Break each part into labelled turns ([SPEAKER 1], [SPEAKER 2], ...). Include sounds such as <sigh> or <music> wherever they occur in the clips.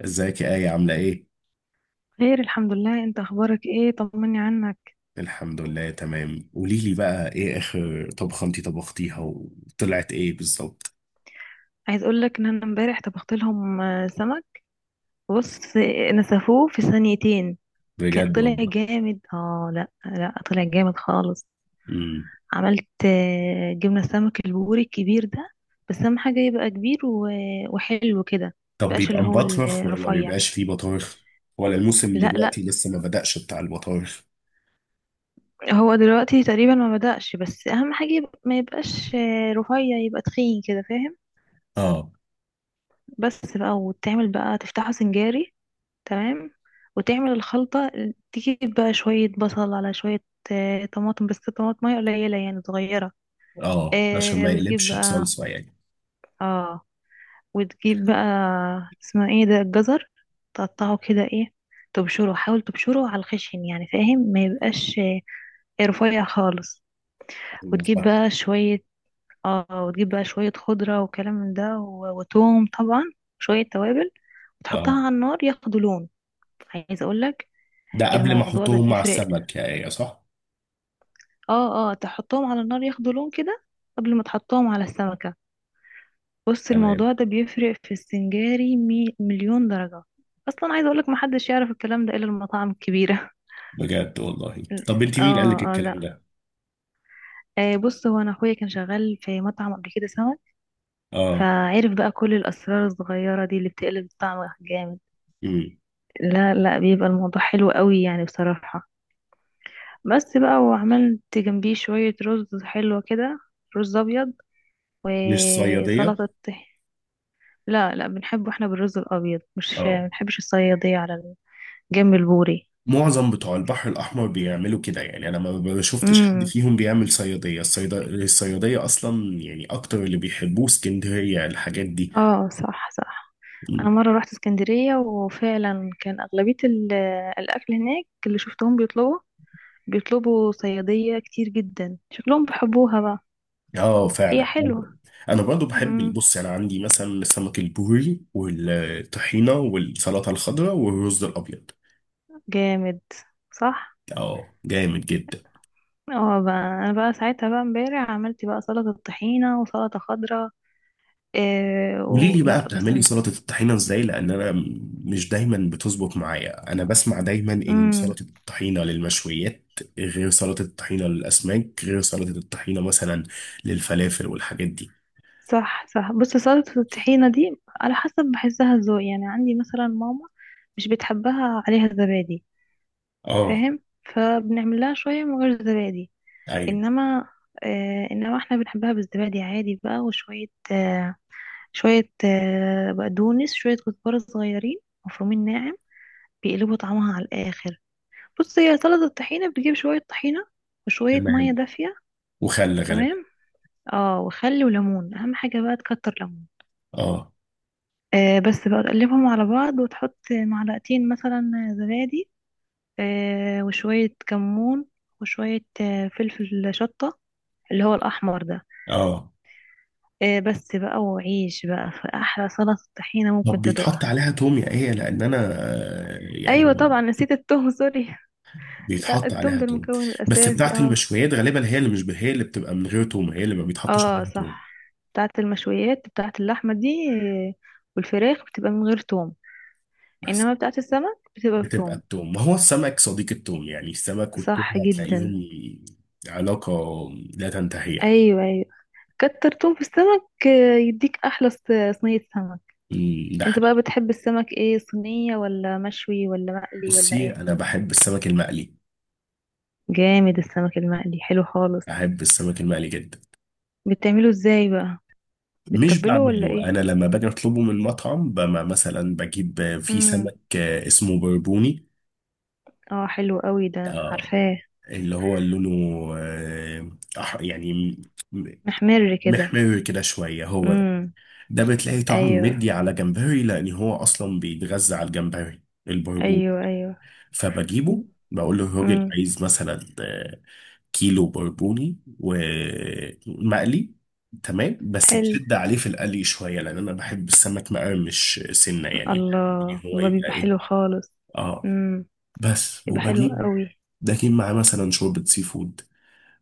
[SPEAKER 1] ازيك يا آية عاملة ايه؟
[SPEAKER 2] خير، الحمد لله. انت اخبارك ايه؟ طمني عنك.
[SPEAKER 1] الحمد لله تمام. قولي لي بقى ايه اخر طبخة انتي طبختيها وطلعت ايه بالظبط؟
[SPEAKER 2] عايز اقول لك ان انا امبارح طبخت لهم سمك. بص، نسفوه في ثانيتين.
[SPEAKER 1] بجد
[SPEAKER 2] طلع
[SPEAKER 1] والله.
[SPEAKER 2] جامد. اه، لا لا، طلع جامد خالص.
[SPEAKER 1] امم.
[SPEAKER 2] عملت جبنة سمك البوري الكبير ده. بس اهم حاجة يبقى كبير وحلو كده.
[SPEAKER 1] طب
[SPEAKER 2] مبقاش
[SPEAKER 1] بيبقى
[SPEAKER 2] اللي هو
[SPEAKER 1] مبطرخ ولا ما
[SPEAKER 2] الرفيع.
[SPEAKER 1] بيبقاش فيه بطارخ؟ ولا الموسم
[SPEAKER 2] لا لا.
[SPEAKER 1] دلوقتي لسه ما بدأش بتاع البطارخ؟
[SPEAKER 2] هو دلوقتي تقريبا ما بدأش، بس اهم حاجة يبقى ما يبقاش رفيع، يبقى تخين كده، فاهم؟
[SPEAKER 1] اه.
[SPEAKER 2] بس بقى وتعمل بقى تفتحه سنجاري. تمام. وتعمل الخلطة. تجيب بقى شوية بصل على شوية طماطم، بس طماطمية قليلة يعني، صغيرة.
[SPEAKER 1] اه، عشان ما
[SPEAKER 2] وتجيب
[SPEAKER 1] يقلبش
[SPEAKER 2] بقى.
[SPEAKER 1] بصلصة يعني.
[SPEAKER 2] اه. وتجيب بقى. اسمه ايه ده؟ الجزر. تقطعه كده، ايه، تبشره. حاول تبشره على الخشن يعني، فاهم؟ ما يبقاش رفيع خالص.
[SPEAKER 1] ايوه،
[SPEAKER 2] وتجيب
[SPEAKER 1] فاهم.
[SPEAKER 2] بقى شوية. اه وتجيب بقى شوية خضرة وكلام من ده وتوم طبعا. شوية توابل. وتحطها
[SPEAKER 1] اه.
[SPEAKER 2] على النار ياخدوا لون. عايز اقولك،
[SPEAKER 1] ده قبل ما
[SPEAKER 2] الموضوع ده
[SPEAKER 1] احطهم مع
[SPEAKER 2] بيفرق.
[SPEAKER 1] السمك يا آية صح؟
[SPEAKER 2] اه اه، تحطهم على النار ياخدوا لون كده قبل ما تحطهم على السمكة. بص،
[SPEAKER 1] تمام.
[SPEAKER 2] الموضوع ده بيفرق في السنجاري مليون درجة. اصلا عايزة اقولك، محدش يعرف الكلام ده الا المطاعم الكبيرة. <laughs>
[SPEAKER 1] بجد والله. طب انتي مين قال لك
[SPEAKER 2] اه اه. لا.
[SPEAKER 1] الكلام ده؟
[SPEAKER 2] بص، هو انا اخويا كان شغال في مطعم قبل كده سمك.
[SPEAKER 1] اه.
[SPEAKER 2] فعرف بقى كل الاسرار الصغيرة دي اللي بتقلب الطعم جامد.
[SPEAKER 1] امم.
[SPEAKER 2] لا لا، بيبقى الموضوع حلو قوي يعني بصراحة. بس بقى، وعملت جنبيه شوية رز حلوة كده. رز ابيض.
[SPEAKER 1] مش صيادية؟
[SPEAKER 2] وسلطة. لا لا، بنحبه احنا بالرز الابيض، مش
[SPEAKER 1] اه.
[SPEAKER 2] بنحبش الصياديه على الجنب البوري.
[SPEAKER 1] معظم بتوع البحر الأحمر بيعملوا كده، يعني أنا ما شفتش حد
[SPEAKER 2] امم.
[SPEAKER 1] فيهم بيعمل صيادية. الصيادية أصلا، يعني أكتر اللي بيحبوه اسكندرية الحاجات دي.
[SPEAKER 2] اه، صح صح. انا
[SPEAKER 1] مم.
[SPEAKER 2] مره رحت اسكندريه، وفعلا كان اغلبيه الاكل هناك اللي شفتهم بيطلبوا بيطلبوا صياديه كتير جدا، شكلهم بيحبوها بقى.
[SPEAKER 1] آه،
[SPEAKER 2] هي
[SPEAKER 1] فعلا. أنا
[SPEAKER 2] حلوه.
[SPEAKER 1] أنا برضو بحب.
[SPEAKER 2] امم.
[SPEAKER 1] بص أنا عندي مثلا سمك البوري والطحينة والسلطة الخضراء والرز الأبيض.
[SPEAKER 2] جامد. صح.
[SPEAKER 1] آه، جامد جدا.
[SPEAKER 2] اه بقى، انا بقى ساعتها بقى امبارح عملت بقى سلطه طحينه وسلطه خضراء. إيه
[SPEAKER 1] قولي لي
[SPEAKER 2] ولا
[SPEAKER 1] بقى
[SPEAKER 2] بس.
[SPEAKER 1] بتعملي سلطة الطحينة ازاي، لان انا مش دايما بتظبط معايا. انا بسمع دايما ان
[SPEAKER 2] امم.
[SPEAKER 1] سلطة الطحينة للمشويات، غير سلطة الطحينة للاسماك، غير سلطة الطحينة مثلا للفلافل والحاجات دي.
[SPEAKER 2] صح صح. بص، سلطة الطحينة دي على حسب، بحسها ذوق يعني. عندي مثلا ماما مش بتحبها عليها زبادي،
[SPEAKER 1] اه.
[SPEAKER 2] فاهم؟ فبنعمل لها شوية من غير زبادي.
[SPEAKER 1] ايوه.
[SPEAKER 2] انما، انما احنا بنحبها بالزبادي عادي بقى، وشوية آه شوية بقدونس، شوية كزبرة صغيرين مفرومين ناعم، بيقلبوا طعمها على الآخر. بص، هي سلطة الطحينة بتجيب شوية طحينة وشوية مية
[SPEAKER 1] تمام.
[SPEAKER 2] دافية،
[SPEAKER 1] وخل غالبا.
[SPEAKER 2] تمام، اه، وخل وليمون، اهم حاجة بقى تكتر ليمون.
[SPEAKER 1] اه.
[SPEAKER 2] بس بقى تقلبهم على بعض وتحط معلقتين مثلا زبادي، وشوية كمون، وشوية فلفل شطة، اللي هو الأحمر ده.
[SPEAKER 1] اه.
[SPEAKER 2] بس بقى وعيش بقى، في أحلى سلطة طحينة ممكن
[SPEAKER 1] طب بيتحط
[SPEAKER 2] تدوقها.
[SPEAKER 1] عليها توم يا ايه؟ لان انا يعني
[SPEAKER 2] أيوة طبعا، نسيت التوم، سوري. <laughs> لا،
[SPEAKER 1] بيتحط
[SPEAKER 2] التوم
[SPEAKER 1] عليها
[SPEAKER 2] ده
[SPEAKER 1] توم.
[SPEAKER 2] المكون
[SPEAKER 1] بس
[SPEAKER 2] الأساسي،
[SPEAKER 1] بتاعت
[SPEAKER 2] اه.
[SPEAKER 1] المشويات غالبا هي اللي مش هي اللي بتبقى من غير توم، هي اللي ما بيتحطش
[SPEAKER 2] اه،
[SPEAKER 1] عليها توم.
[SPEAKER 2] صح. بتاعت المشويات، بتاعت اللحمة دي، آه، والفراخ بتبقى من غير توم.
[SPEAKER 1] بس.
[SPEAKER 2] إنما بتاعت السمك بتبقى
[SPEAKER 1] بتبقى
[SPEAKER 2] بتوم.
[SPEAKER 1] التوم. ما هو السمك صديق التوم، يعني السمك والتوم
[SPEAKER 2] صح جدا.
[SPEAKER 1] هتلاقيهم علاقة لا تنتهي.
[SPEAKER 2] أيوة أيوة. كتر تون في السمك يديك احلى صينية سمك.
[SPEAKER 1] أمم، ده
[SPEAKER 2] انت بقى
[SPEAKER 1] حقيقي.
[SPEAKER 2] بتحب السمك ايه، صينية ولا مشوي ولا مقلي ولا
[SPEAKER 1] بصي،
[SPEAKER 2] ايه؟
[SPEAKER 1] أنا بحب السمك المقلي.
[SPEAKER 2] جامد، السمك المقلي حلو خالص.
[SPEAKER 1] بحب السمك المقلي جدا.
[SPEAKER 2] بتعمله ازاي بقى؟
[SPEAKER 1] مش
[SPEAKER 2] بتتبله ولا
[SPEAKER 1] بعمله،
[SPEAKER 2] ايه؟
[SPEAKER 1] أنا لما باجي أطلبه من مطعم، بما مثلا بجيب في
[SPEAKER 2] امم.
[SPEAKER 1] سمك اسمه بربوني.
[SPEAKER 2] اه، حلو قوي ده،
[SPEAKER 1] آه،
[SPEAKER 2] عارفاه.
[SPEAKER 1] اللي هو لونه آه، يعني م-
[SPEAKER 2] محمر كده.
[SPEAKER 1] محمر كده شوية، هو ده.
[SPEAKER 2] امم.
[SPEAKER 1] ده بتلاقي طعمه
[SPEAKER 2] ايوه
[SPEAKER 1] مدي على جمبري، لأن هو أصلا بيتغذى على الجمبري، البربوني.
[SPEAKER 2] ايوه. ايوه.
[SPEAKER 1] فبجيبه بقول له الراجل
[SPEAKER 2] امم.
[SPEAKER 1] عايز مثلا كيلو بربوني ومقلي. تمام، بس
[SPEAKER 2] حلو.
[SPEAKER 1] تشد عليه في القلي شويه، لان انا بحب السمك مقرمش سنه، يعني بحب ان
[SPEAKER 2] الله
[SPEAKER 1] هو
[SPEAKER 2] الله،
[SPEAKER 1] يبقى
[SPEAKER 2] بيبقى
[SPEAKER 1] ايه.
[SPEAKER 2] حلو خالص.
[SPEAKER 1] اه.
[SPEAKER 2] امم.
[SPEAKER 1] بس
[SPEAKER 2] بيبقى حلو قوي.
[SPEAKER 1] بجيب معاه مثلا شوربه سي فود،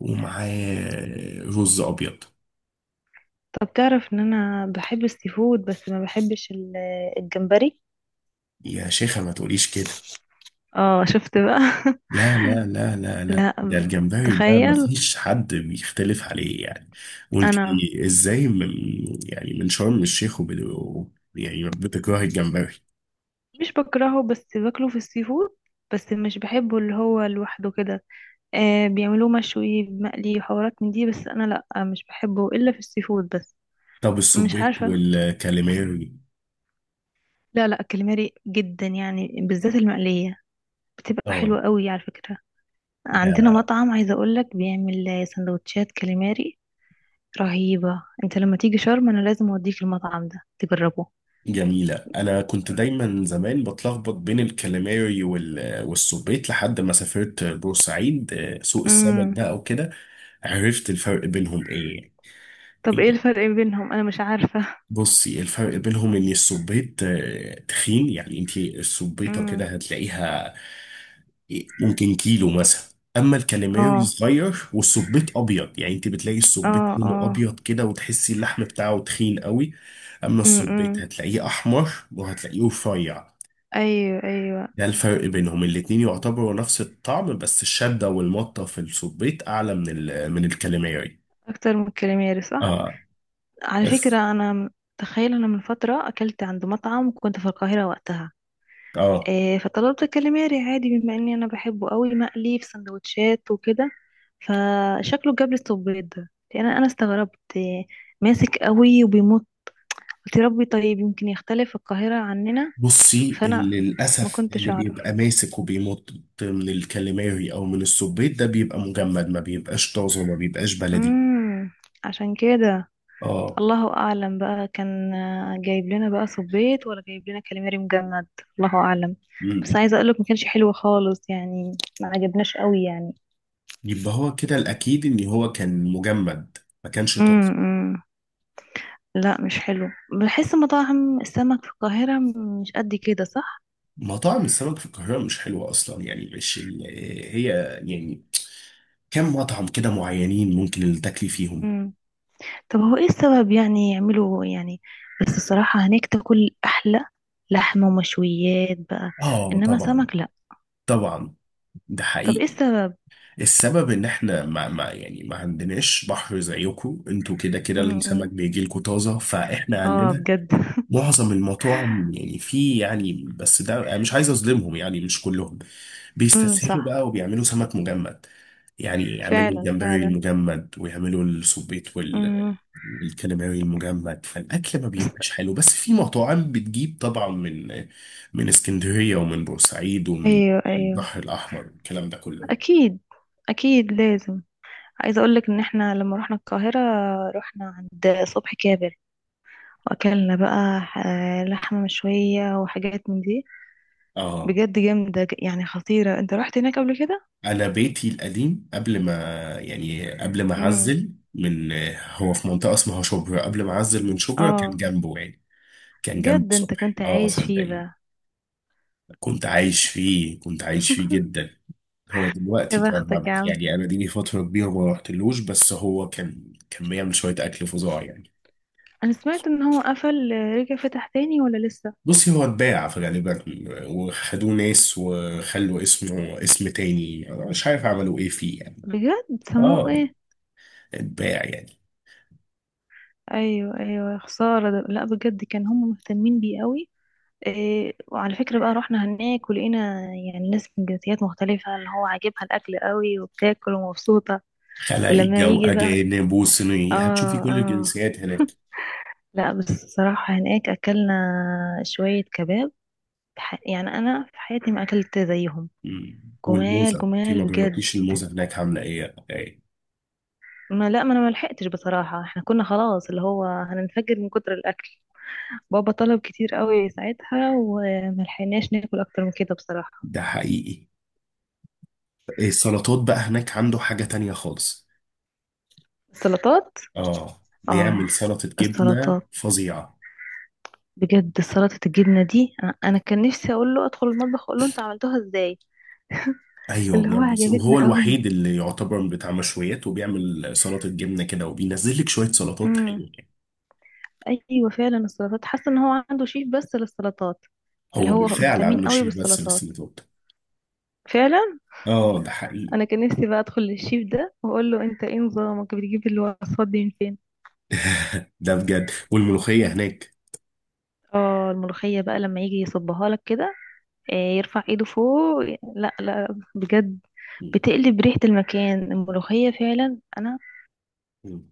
[SPEAKER 1] ومعاه رز ابيض.
[SPEAKER 2] طب تعرف ان انا بحب السي فود، بس ما بحبش الجمبري.
[SPEAKER 1] يا شيخه ما تقوليش كده.
[SPEAKER 2] اه، شفت بقى. <laughs>
[SPEAKER 1] لا، لا، لا، لا، لا،
[SPEAKER 2] لا.
[SPEAKER 1] ده الجمبري ده
[SPEAKER 2] تخيل.
[SPEAKER 1] مفيش حد بيختلف عليه يعني. وانت،
[SPEAKER 2] انا
[SPEAKER 1] ازاي؟ من، يعني من شرم الشيخ وبدو، يعني بتكره الجمبري؟
[SPEAKER 2] مش بكرهه، بس باكله في السي فود، بس مش بحبه اللي هو لوحده كده. بيعملوه مشوي، مقلي، وحوارات من دي، بس انا لا، مش بحبه الا في السي فود بس.
[SPEAKER 1] طب
[SPEAKER 2] مش
[SPEAKER 1] السبيط
[SPEAKER 2] عارفه.
[SPEAKER 1] والكاليماري؟
[SPEAKER 2] لا لا، كاليماري جدا يعني بالذات المقليه، بتبقى
[SPEAKER 1] اه،
[SPEAKER 2] حلوه قوي على فكره. عندنا
[SPEAKER 1] ده
[SPEAKER 2] مطعم عايزه اقول لك بيعمل سندوتشات كاليماري رهيبه. انت لما تيجي شرم انا لازم اوديك المطعم ده تجربه.
[SPEAKER 1] جميلة. أنا كنت دايما زمان بتلخبط بين الكاليماري والسبيط لحد ما سافرت بورسعيد، سوق السمك
[SPEAKER 2] مم.
[SPEAKER 1] ده أو كده. عرفت الفرق بينهم إيه يعني؟
[SPEAKER 2] طب ايه الفرق بينهم؟ انا مش عارفة.
[SPEAKER 1] بصي، الفرق بينهم ان السبيط تخين، يعني انت السبيطه كده
[SPEAKER 2] امم.
[SPEAKER 1] هتلاقيها ممكن كيلو مثلا. اما الكاليماري
[SPEAKER 2] اه
[SPEAKER 1] صغير والسبيط ابيض، يعني انت بتلاقي السبيط
[SPEAKER 2] اه
[SPEAKER 1] لونه
[SPEAKER 2] اه.
[SPEAKER 1] ابيض كده وتحسي اللحم بتاعه تخين قوي. اما السبيط
[SPEAKER 2] امم.
[SPEAKER 1] هتلاقيه احمر، وهتلاقيه رفيع.
[SPEAKER 2] ايوه ايوه.
[SPEAKER 1] ده الفرق بينهم، الاتنين يعتبروا نفس الطعم، بس الشده والمطه في السبيط اعلى من من الكاليماري.
[SPEAKER 2] اكتر من الكاليماري، صح.
[SPEAKER 1] اه.
[SPEAKER 2] على
[SPEAKER 1] بس.
[SPEAKER 2] فكرة انا، تخيل، انا من فترة اكلت عند مطعم كنت في القاهرة وقتها.
[SPEAKER 1] اه.
[SPEAKER 2] إيه، فطلبت الكاليماري عادي بما اني انا بحبه قوي مقلي في سندوتشات وكده. فشكله جاب لي الصبيط ده، لان انا استغربت، إيه، ماسك قوي وبيمط. قلت يا ربي، طيب يمكن يختلف القاهرة عننا،
[SPEAKER 1] بصي،
[SPEAKER 2] فانا
[SPEAKER 1] اللي
[SPEAKER 2] ما
[SPEAKER 1] للأسف
[SPEAKER 2] كنتش
[SPEAKER 1] اللي
[SPEAKER 2] اعرف.
[SPEAKER 1] بيبقى ماسك وبيمط من الكاليماري أو من السبيط، ده بيبقى مجمد، ما بيبقاش طازه وما بيبقاش بلدي.
[SPEAKER 2] امم. عشان كده
[SPEAKER 1] اه.
[SPEAKER 2] الله اعلم بقى، كان جايب لنا بقى صبيط ولا جايب لنا كاليماري مجمد. الله اعلم.
[SPEAKER 1] مم.
[SPEAKER 2] بس عايزه اقولك ما كانش حلو خالص يعني، ما عجبناش قوي يعني.
[SPEAKER 1] يبقى هو كده الأكيد إن هو كان مجمد، ما كانش طازه.
[SPEAKER 2] امم. لا، مش حلو. بحس مطاعم السمك في القاهره مش قد كده، صح؟
[SPEAKER 1] مطاعم السمك في القاهرة مش حلوة أصلا، يعني مش هي، يعني، كم مطعم كده معينين ممكن اللي تاكلي فيهم.
[SPEAKER 2] امم. طب هو ايه السبب يعني، يعملوا يعني؟ بس الصراحه هناك تاكل احلى لحمه ومشويات بقى،
[SPEAKER 1] آه،
[SPEAKER 2] انما
[SPEAKER 1] طبعا.
[SPEAKER 2] سمك لا.
[SPEAKER 1] طبعا. ده
[SPEAKER 2] طب ايه
[SPEAKER 1] حقيقي.
[SPEAKER 2] السبب؟
[SPEAKER 1] السبب ان احنا ما يعني ما عندناش بحر زيكم. انتوا كده كده السمك
[SPEAKER 2] امم.
[SPEAKER 1] بيجي لكم طازه، فاحنا
[SPEAKER 2] اه،
[SPEAKER 1] عندنا
[SPEAKER 2] بجد.
[SPEAKER 1] معظم المطاعم، يعني في، يعني، بس ده أنا مش عايز اظلمهم، يعني مش كلهم
[SPEAKER 2] امم.
[SPEAKER 1] بيستسهلوا
[SPEAKER 2] صح.
[SPEAKER 1] بقى وبيعملوا سمك مجمد. يعني يعملوا
[SPEAKER 2] فعلا
[SPEAKER 1] الجمبري
[SPEAKER 2] فعلا.
[SPEAKER 1] المجمد ويعملوا السبيط
[SPEAKER 2] امم.
[SPEAKER 1] والكاليماري المجمد، فالاكل ما
[SPEAKER 2] بس.
[SPEAKER 1] بيبقاش حلو. بس في مطاعم بتجيب طبعا من اسكندريه ومن بورسعيد ومن
[SPEAKER 2] ايوه ايوه.
[SPEAKER 1] البحر الاحمر والكلام ده كله.
[SPEAKER 2] اكيد. اكيد لازم. عايزه اقول لك ان احنا لما رحنا القاهره، رحنا عند صبحي كابر، واكلنا بقى لحمه مشويه وحاجات من دي.
[SPEAKER 1] اه،
[SPEAKER 2] بجد جامده، يعني خطيره. انت رحت هناك قبل كده؟
[SPEAKER 1] انا بيتي القديم قبل ما يعني قبل ما
[SPEAKER 2] امم.
[SPEAKER 1] اعزل من، هو في منطقه اسمها شبرا، قبل ما اعزل من شبرا كان
[SPEAKER 2] اه،
[SPEAKER 1] جنبه، يعني كان جنب
[SPEAKER 2] بجد؟ انت
[SPEAKER 1] صبحي،
[SPEAKER 2] كنت
[SPEAKER 1] اه
[SPEAKER 2] عايش فيه
[SPEAKER 1] صدقيني.
[SPEAKER 2] بقى؟
[SPEAKER 1] كنت عايش فيه، كنت عايش فيه
[SPEAKER 2] <laughs>
[SPEAKER 1] جدا. هو
[SPEAKER 2] يا
[SPEAKER 1] دلوقتي
[SPEAKER 2] بختك يا عم.
[SPEAKER 1] يعني انا دي لي فتره كبيره ما رحتلوش، بس هو كان بيعمل شويه اكل فظاع يعني.
[SPEAKER 2] انا سمعت ان هو قفل، رجع فتح تاني ولا لسه؟
[SPEAKER 1] بصي هو اتباع في غالبا، وخدوه ناس وخلوا اسمه اسم تاني، أنا مش عارف عملوا ايه فيه يعني.
[SPEAKER 2] بجد سموه
[SPEAKER 1] اه.
[SPEAKER 2] ايه؟
[SPEAKER 1] اتباع يعني.
[SPEAKER 2] ايوه ايوه، خساره ده. لا، بجد كان هم مهتمين بيه قوي. إيه، وعلى فكرة بقى، رحنا هناك ولقينا يعني ناس من جنسيات مختلفة اللي هو عاجبها الأكل قوي وبتاكل ومبسوطة. ولما
[SPEAKER 1] خلايجة
[SPEAKER 2] يجي بقى.
[SPEAKER 1] وأجانب وصينية، هتشوفي
[SPEAKER 2] اه.
[SPEAKER 1] كل
[SPEAKER 2] اه.
[SPEAKER 1] الجنسيات
[SPEAKER 2] <laughs>
[SPEAKER 1] هناك.
[SPEAKER 2] لا، بس الصراحة هناك أكلنا شوية كباب، يعني أنا في حياتي ما أكلت زيهم.
[SPEAKER 1] مم. والموزة
[SPEAKER 2] جمال
[SPEAKER 1] انت ما
[SPEAKER 2] جمال بجد.
[SPEAKER 1] جربتيش الموزة هناك عاملة ايه ايه؟
[SPEAKER 2] ما، لا، ما أنا ما لحقتش، بصراحة احنا كنا خلاص، اللي هو هننفجر من كتر الأكل. بابا طلب كتير قوي ساعتها، وما لحقناش ناكل أكتر من كده بصراحة.
[SPEAKER 1] ده حقيقي. السلطات بقى هناك عنده حاجة تانية خالص.
[SPEAKER 2] السلطات.
[SPEAKER 1] اه،
[SPEAKER 2] اه،
[SPEAKER 1] بيعمل سلطة جبنة
[SPEAKER 2] السلطات.
[SPEAKER 1] فظيعة.
[SPEAKER 2] بجد سلطة الجبنة دي، أنا كان نفسي أقول له أدخل المطبخ، أقول له أنت عملتوها إزاي.
[SPEAKER 1] ايوه،
[SPEAKER 2] اللي هو
[SPEAKER 1] بيعمل، وهو
[SPEAKER 2] عجبتنا قوي.
[SPEAKER 1] الوحيد اللي يعتبر بتاع مشويات وبيعمل سلطة جبنة كده وبينزل لك شوية سلطات
[SPEAKER 2] امم.
[SPEAKER 1] حلوة.
[SPEAKER 2] أيوة فعلا، السلطات، حاسة إن هو عنده شيف بس للسلطات. اللي
[SPEAKER 1] هو
[SPEAKER 2] هو
[SPEAKER 1] بالفعل
[SPEAKER 2] مهتمين
[SPEAKER 1] عنده
[SPEAKER 2] قوي
[SPEAKER 1] شيف بس
[SPEAKER 2] بالسلطات.
[SPEAKER 1] للسلطات.
[SPEAKER 2] فعلا.
[SPEAKER 1] اه، ده حقيقي.
[SPEAKER 2] أنا كان نفسي بقى أدخل للشيف ده وأقول له أنت إيه نظامك، بتجيب الوصفات دي من فين؟
[SPEAKER 1] ده بجد. والملوخية هناك.
[SPEAKER 2] اه، الملوخية بقى لما يجي يصبها لك كده، يرفع ايده فوق. لا لا، بجد،
[SPEAKER 1] مم.
[SPEAKER 2] بتقلب ريحة المكان الملوخية. فعلا أنا
[SPEAKER 1] مم.